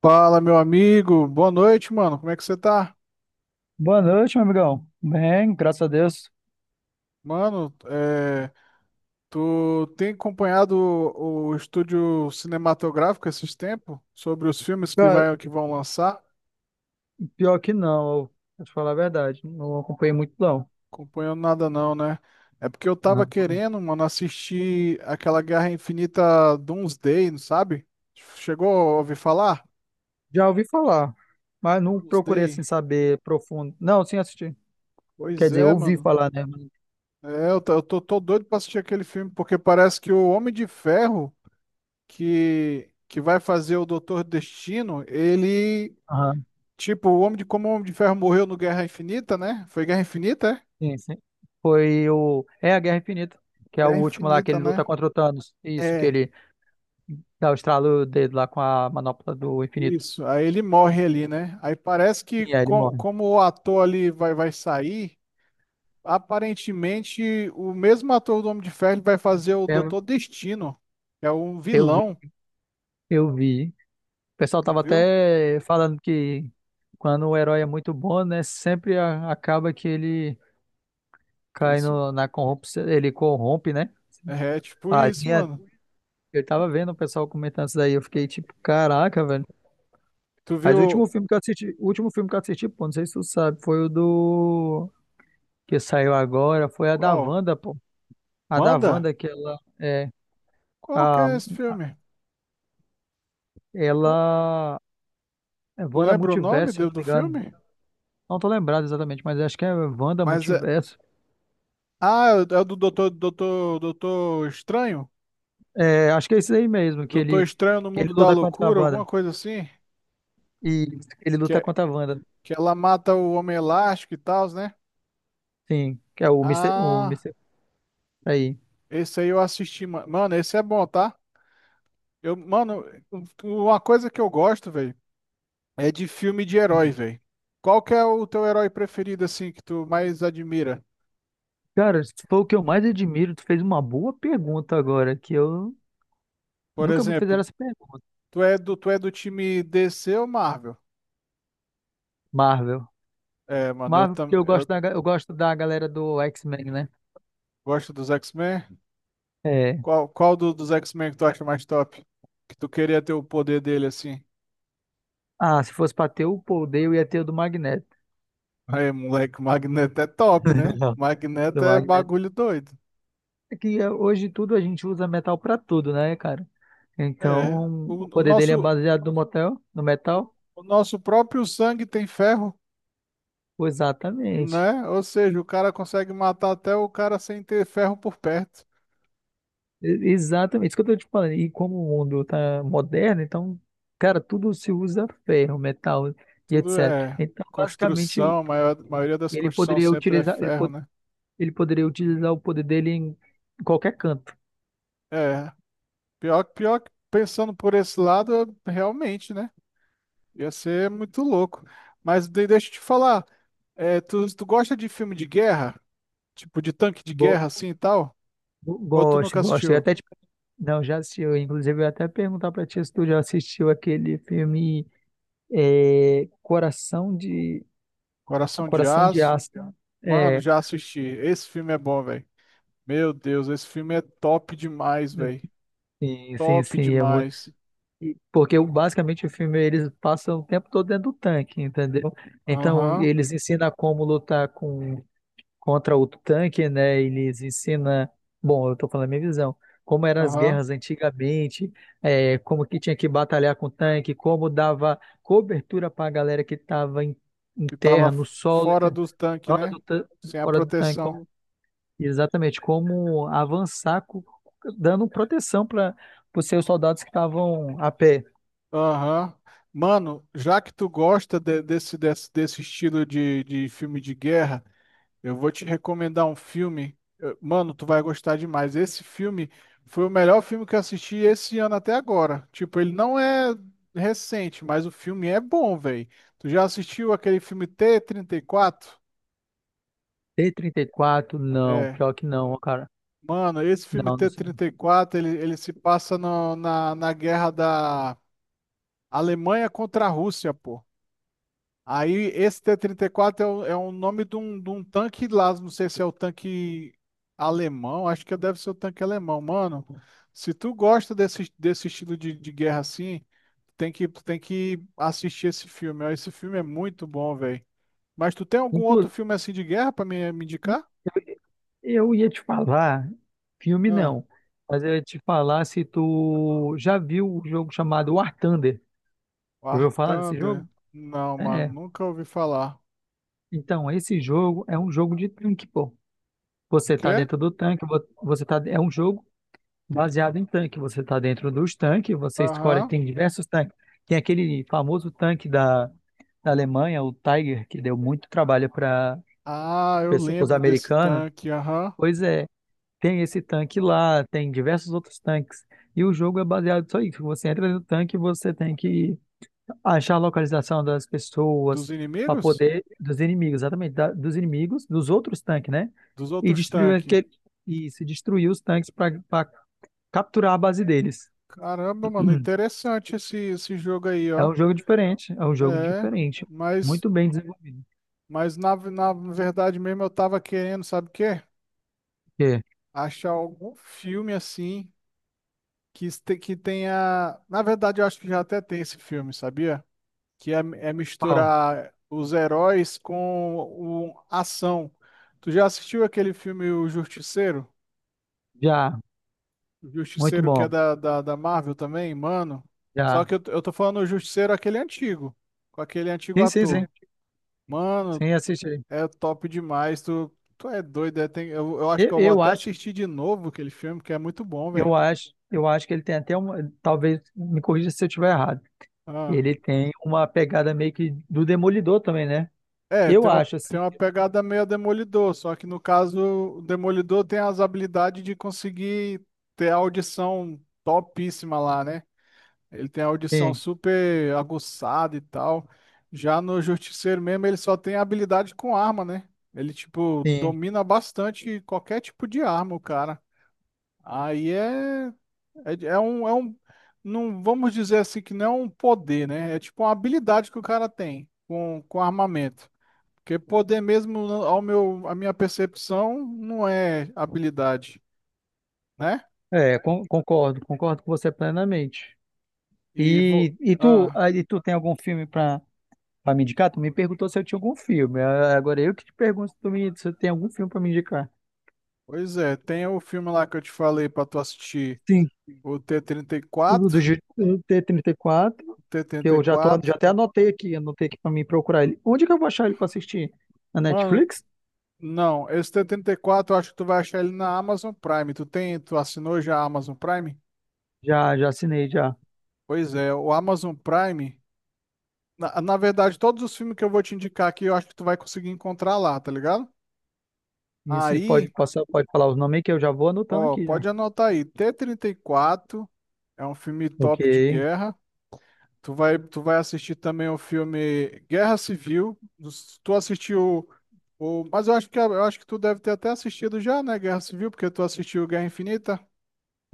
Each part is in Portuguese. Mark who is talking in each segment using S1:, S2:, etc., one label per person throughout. S1: Fala, meu amigo. Boa noite, mano. Como é que você tá?
S2: Boa noite, meu amigão. Bem, graças a Deus.
S1: Mano, é, tu tem acompanhado o estúdio cinematográfico esses tempos? Sobre os filmes
S2: Cara,
S1: que vão lançar?
S2: pior que não, vou te falar a verdade, não acompanhei muito não.
S1: Acompanhando nada não, né? É porque eu tava
S2: Não.
S1: querendo, mano, assistir aquela Guerra Infinita Doomsday, não sabe? Chegou a ouvir falar?
S2: Já ouvi falar, mas não procurei assim
S1: Doomsday.
S2: saber profundo. Não, sim assisti. Quer
S1: Pois
S2: dizer,
S1: é,
S2: ouvi
S1: mano.
S2: falar, né?
S1: É, eu tô doido pra assistir aquele filme, porque parece que o Homem de Ferro que vai fazer o Doutor Destino, ele,
S2: Aham,
S1: tipo, o Homem de como o Homem de Ferro morreu no Guerra Infinita, né? Foi Guerra Infinita, é?
S2: sim, sim. Foi o é a Guerra Infinita, que é o
S1: Guerra
S2: último lá que
S1: Infinita,
S2: ele
S1: né?
S2: luta contra o Thanos. Isso que
S1: É,
S2: ele dá o estralo dele lá com a manopla do infinito.
S1: isso. Aí ele morre ali, né? Aí parece que
S2: Sim, aí ele morre.
S1: como o ator ali vai sair, aparentemente o mesmo ator do Homem de Ferro ele vai fazer o
S2: É,
S1: Doutor Destino, que é um
S2: eu vi,
S1: vilão,
S2: eu vi. O pessoal
S1: tu
S2: tava
S1: viu?
S2: até falando que quando o herói é muito bom, né, sempre acaba que ele
S1: Que ele
S2: cai
S1: se-
S2: no, na corrupção, ele corrompe, né?
S1: É, tipo
S2: A
S1: isso,
S2: linha,
S1: mano.
S2: eu tava vendo o pessoal comentando isso daí, eu fiquei tipo, caraca, velho.
S1: Tu
S2: Mas
S1: viu
S2: o último filme que eu assisti, pô, não sei se tu sabe, foi o do que saiu agora, foi a da
S1: qual?
S2: Wanda, pô. A da
S1: Wanda?
S2: Wanda que
S1: Qual que
S2: a
S1: é esse filme?
S2: ela é
S1: Tu
S2: Wanda
S1: lembra o nome
S2: Multiverso, se eu
S1: do,
S2: não me
S1: do
S2: engano.
S1: filme?
S2: Não tô lembrado exatamente, mas acho que é Wanda
S1: Mas é.
S2: Multiverso.
S1: Ah, é o é o do Doutor Estranho?
S2: É, acho que é isso aí mesmo, que
S1: Doutor
S2: ele,
S1: Estranho no
S2: que
S1: Mundo
S2: ele
S1: da
S2: luta contra a
S1: Loucura, alguma
S2: Wanda.
S1: coisa assim?
S2: E ele
S1: Que,
S2: luta
S1: é-
S2: contra a Wanda,
S1: que ela mata o Homem Elástico e tal, né?
S2: sim, que é o Mister O
S1: Ah,
S2: Mister Aí.
S1: esse aí eu assisti, mano. Esse é bom, tá? Eu, mano, uma coisa que eu gosto, velho, é de filme de herói,
S2: Hum.
S1: velho. Qual que é o teu herói preferido, assim, que tu mais admira?
S2: Cara, se for o que eu mais admiro, tu fez uma boa pergunta agora, que eu
S1: Por
S2: nunca me
S1: exemplo,
S2: fizeram essa pergunta.
S1: tu é do time DC ou Marvel?
S2: Marvel.
S1: É, mano, eu,
S2: Marvel, porque
S1: tam,
S2: eu
S1: eu
S2: gosto da, ga- eu gosto da galera do X-Men, né?
S1: gosto dos X-Men.
S2: É.
S1: Qual dos X-Men que tu acha mais top? Que tu queria ter o poder dele assim?
S2: Ah, se fosse pra ter o poder, eu ia ter o do Magneto.
S1: Aí, moleque, o Magneto é top, né?
S2: Do
S1: Magneto é
S2: Magneto.
S1: bagulho doido.
S2: É que hoje tudo a gente usa metal pra tudo, né, cara?
S1: É,
S2: Então,
S1: o,
S2: o
S1: o
S2: poder dele é
S1: nosso,
S2: baseado no motel, no metal.
S1: o nosso próprio sangue tem ferro,
S2: Exatamente.
S1: né? Ou seja, o cara consegue matar até o cara sem ter ferro por perto.
S2: Exatamente. Isso que eu tô te falando. E como o mundo tá moderno, então, cara, tudo se usa ferro, metal e
S1: Tudo
S2: etc.
S1: é
S2: Então, basicamente,
S1: construção, a maioria das
S2: ele
S1: construções
S2: poderia
S1: sempre é
S2: utilizar, ele,
S1: ferro,
S2: po-
S1: né?
S2: ele poderia utilizar o poder dele em qualquer canto.
S1: É, pior que pensando por esse lado, realmente, né? Ia ser muito louco. Mas deixa eu te falar. É, tu gosta de filme de guerra? Tipo, de tanque de
S2: Go-
S1: guerra assim e tal?
S2: go-
S1: Ou tu
S2: gosto,
S1: nunca
S2: gosto. Eu
S1: assistiu?
S2: até te. Não, já assisti. Eu, inclusive, eu ia até perguntar pra ti se tu já assistiu aquele filme é, Coração de
S1: Coração de
S2: Coração de
S1: Aço?
S2: Aço.
S1: Mano,
S2: É,
S1: já assisti. Esse filme é bom, velho. Meu Deus, esse filme é top demais, velho.
S2: sim, sim,
S1: Top
S2: sim. É muito
S1: demais.
S2: E- Porque o- basicamente o filme eles passam o tempo todo dentro do tanque, entendeu? Então
S1: Aham,
S2: eles ensinam como lutar contra o tanque, né? Eles ensinam, bom, eu tô falando a minha visão, como eram as
S1: aham.
S2: guerras antigamente, é, como que tinha que batalhar com o tanque, como dava cobertura para a galera que estava em
S1: Que tava
S2: terra, no solo,
S1: fora
S2: entendeu?
S1: dos tanques,
S2: fora
S1: né?
S2: do, tan-
S1: Sem a
S2: fora do tanque,
S1: proteção.
S2: como, exatamente, como avançar, dando proteção para os seus soldados que estavam a pé.
S1: Aham. Mano, já que tu gosta desse estilo de filme de guerra. Eu vou te recomendar um filme. Mano, tu vai gostar demais. Esse filme foi o melhor filme que eu assisti esse ano até agora. Tipo, ele não é recente, mas o filme é bom, velho. Tu já assistiu aquele filme T-34?
S2: T-34 não,
S1: É.
S2: pior que não, cara.
S1: Mano, esse filme
S2: Não, não
S1: t
S2: sei.
S1: trinta e quatro, ele, ele se passa na guerra da Alemanha contra a Rússia, pô. Aí esse T-34 é, é o nome de um tanque lá, não sei se é o tanque alemão, acho que deve ser o tanque alemão. Mano, se tu gosta desse estilo de guerra assim, tu tem que assistir esse filme. Ó. Esse filme é muito bom, velho. Mas tu tem algum outro
S2: Inclu
S1: filme assim de guerra pra me indicar?
S2: eu eu ia te falar, filme
S1: Ah,
S2: não, mas eu ia te falar se tu já viu o jogo chamado War Thunder. Já
S1: War
S2: ouviu falar desse jogo?
S1: Thunder? Não, mano,
S2: É.
S1: nunca ouvi falar.
S2: Então, esse jogo é um jogo de tanque, pô.
S1: De
S2: Você tá
S1: quê?
S2: dentro do tanque, você tá, é um jogo baseado em tanque. Você tá dentro dos tanques, você escolhe,
S1: Aham.
S2: tem diversos tanques. Tem aquele famoso tanque da Alemanha, o Tiger, que deu muito trabalho para
S1: Ah, eu
S2: pessoas
S1: lembro desse
S2: americanas.
S1: tanque, aham.
S2: Pois é, tem esse tanque lá, tem diversos outros tanques. E o jogo é baseado só isso. Você entra no tanque e você tem que achar a localização das
S1: Dos
S2: pessoas para
S1: inimigos?
S2: poder dos inimigos, exatamente, dos inimigos, dos outros tanques, né?
S1: Dos
S2: E
S1: outros
S2: destruir
S1: tanques.
S2: aquele, e se destruir os tanques para capturar a base deles.
S1: Caramba, mano, interessante esse jogo aí,
S2: É
S1: ó.
S2: um jogo diferente, é um jogo
S1: É,
S2: diferente,
S1: mas,
S2: muito bem desenvolvido.
S1: mas na verdade mesmo eu tava querendo, sabe o quê?
S2: Porque,
S1: Achar algum filme assim que tenha. Na verdade, eu acho que já até tem esse filme, sabia? Que é, é
S2: pau,
S1: misturar os heróis com o, ação. Tu já assistiu aquele filme O Justiceiro?
S2: já,
S1: O
S2: muito
S1: Justiceiro que é
S2: bom,
S1: da Marvel também, mano. Só
S2: já.
S1: que eu tô falando o Justiceiro aquele antigo, com aquele antigo
S2: Sim, sim, sim.
S1: ator. Mano,
S2: Sim, assiste aí.
S1: é top demais. Tu é doido. É, eu acho
S2: Eu,
S1: que eu vou
S2: eu
S1: até
S2: acho
S1: assistir de novo aquele filme, que é muito bom, velho.
S2: eu acho que ele tem até uma. Talvez me corrija se eu estiver errado.
S1: Ah,
S2: Ele tem uma pegada meio que do Demolidor também, né?
S1: é,
S2: Eu acho, assim.
S1: tem uma pegada meio Demolidor, só que no caso, o Demolidor tem as habilidades de conseguir ter a audição topíssima lá, né? Ele tem a audição
S2: Sim,
S1: super aguçada e tal. Já no Justiceiro mesmo, ele só tem habilidade com arma, né? Ele, tipo,
S2: sim.
S1: domina bastante qualquer tipo de arma, o cara. Aí é. É um, não vamos dizer assim que não é um poder, né? É tipo uma habilidade que o cara tem com armamento. Porque poder mesmo, não- à minha percepção, não é habilidade, né?
S2: É, concordo com você plenamente.
S1: E vou,
S2: E tu,
S1: ah,
S2: aí tu tem algum filme pra, me indicar? Tu me perguntou se eu tinha algum filme. Ah, agora eu que te pergunto se tu tem algum filme pra me indicar.
S1: Pois é, tem o filme lá que eu te falei pra tu assistir,
S2: Sim,
S1: o T-34, trinta e quatro.
S2: o T-34,
S1: O t
S2: que
S1: trinta e
S2: eu já tô,
S1: quatro
S2: já até anotei aqui pra mim procurar ele. Onde que eu vou achar ele pra assistir? Na
S1: Mano,
S2: Netflix?
S1: não, esse T-34 34 eu acho que tu vai achar ele na Amazon Prime. Tu assinou já a Amazon Prime?
S2: Já, já assinei, já.
S1: Pois é, o Amazon Prime. Na verdade, todos os filmes que eu vou te indicar aqui, eu acho que tu vai conseguir encontrar lá, tá ligado?
S2: E sim, pode
S1: Aí,
S2: passar, pode falar os nomes aí que eu já vou anotando
S1: ó,
S2: aqui já.
S1: pode anotar aí. T-34 é um filme
S2: Ok.
S1: top de guerra. Tu vai assistir também o filme Guerra Civil. Tu assistiu o, mas eu acho que tu deve ter até assistido já, né? Guerra Civil, porque tu assistiu Guerra Infinita.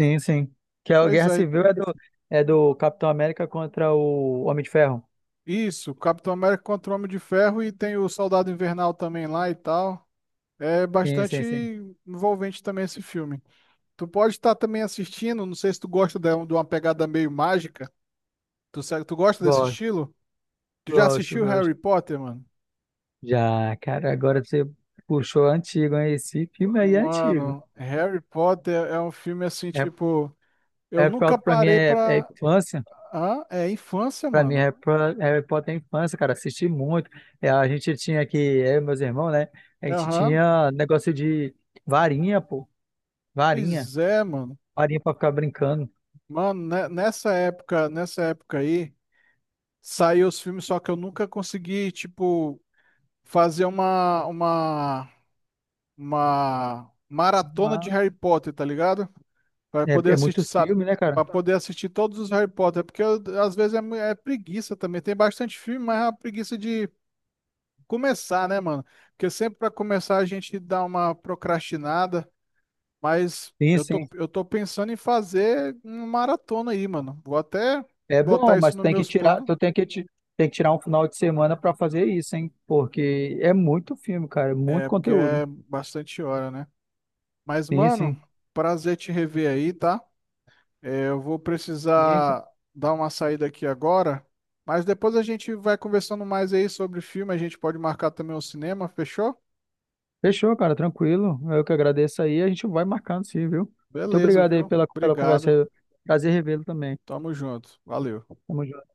S2: Sim, sim. Que é a
S1: Pois
S2: Guerra
S1: é,
S2: Civil é do Capitão América contra o Homem de Ferro.
S1: isso, Capitão América contra o Homem de Ferro e tem o Soldado Invernal também lá e tal. É
S2: Sim,
S1: bastante
S2: sim, sim.
S1: envolvente também esse filme. Tu pode estar também assistindo, não sei se tu gosta de uma pegada meio mágica. Tu, tu gosta desse
S2: Gosto,
S1: estilo? Tu já
S2: gosto,
S1: assistiu
S2: gosto.
S1: Harry Potter, mano?
S2: Já, cara, agora você puxou antigo, hein? Esse filme aí é antigo.
S1: Mano, Harry Potter é um filme assim,
S2: É,
S1: tipo, eu
S2: é pra
S1: nunca
S2: pra mim
S1: parei
S2: é
S1: pra.
S2: infância.
S1: Ah, é infância,
S2: Pra mim,
S1: mano.
S2: Harry Potter é infância, cara. Assisti muito. É, a gente tinha aqui, eu e meus irmãos, né? A gente
S1: Aham.
S2: tinha negócio de varinha, pô. Varinha.
S1: Pois é, mano.
S2: Parinha pra ficar brincando.
S1: Mano, nessa época aí, saiu os filmes, só que eu nunca consegui, tipo, fazer uma maratona de
S2: Uma-
S1: Harry Potter, tá ligado? Para
S2: É,
S1: poder
S2: é
S1: assistir,
S2: muito
S1: sabe?
S2: filme, né, cara?
S1: Para poder assistir todos os Harry Potter, porque às vezes é, é preguiça também. Tem bastante filme, mas é uma preguiça de começar, né, mano? Porque sempre para começar a gente dá uma procrastinada, mas
S2: Sim,
S1: eu tô,
S2: sim.
S1: eu tô pensando em fazer uma maratona aí, mano. Vou até
S2: É
S1: botar
S2: bom, mas
S1: isso nos
S2: tem que
S1: meus
S2: tirar,
S1: planos,
S2: tu tem que, ti- tem que tirar um final de semana pra fazer isso, hein? Porque é muito filme, cara, é
S1: é
S2: muito
S1: porque
S2: conteúdo.
S1: é bastante hora, né? Mas,
S2: Sim, sim.
S1: mano, prazer te rever aí, tá? É, eu vou
S2: Sim.
S1: precisar dar uma saída aqui agora, mas depois a gente vai conversando mais aí sobre filme. A gente pode marcar também o cinema, fechou?
S2: Fechou, cara, tranquilo. Eu que agradeço aí, a gente vai marcando sim, viu? Muito
S1: Beleza,
S2: obrigado aí
S1: viu?
S2: pela
S1: Obrigado.
S2: conversa. Prazer revê-lo também.
S1: Tamo junto. Valeu.
S2: Tamo junto.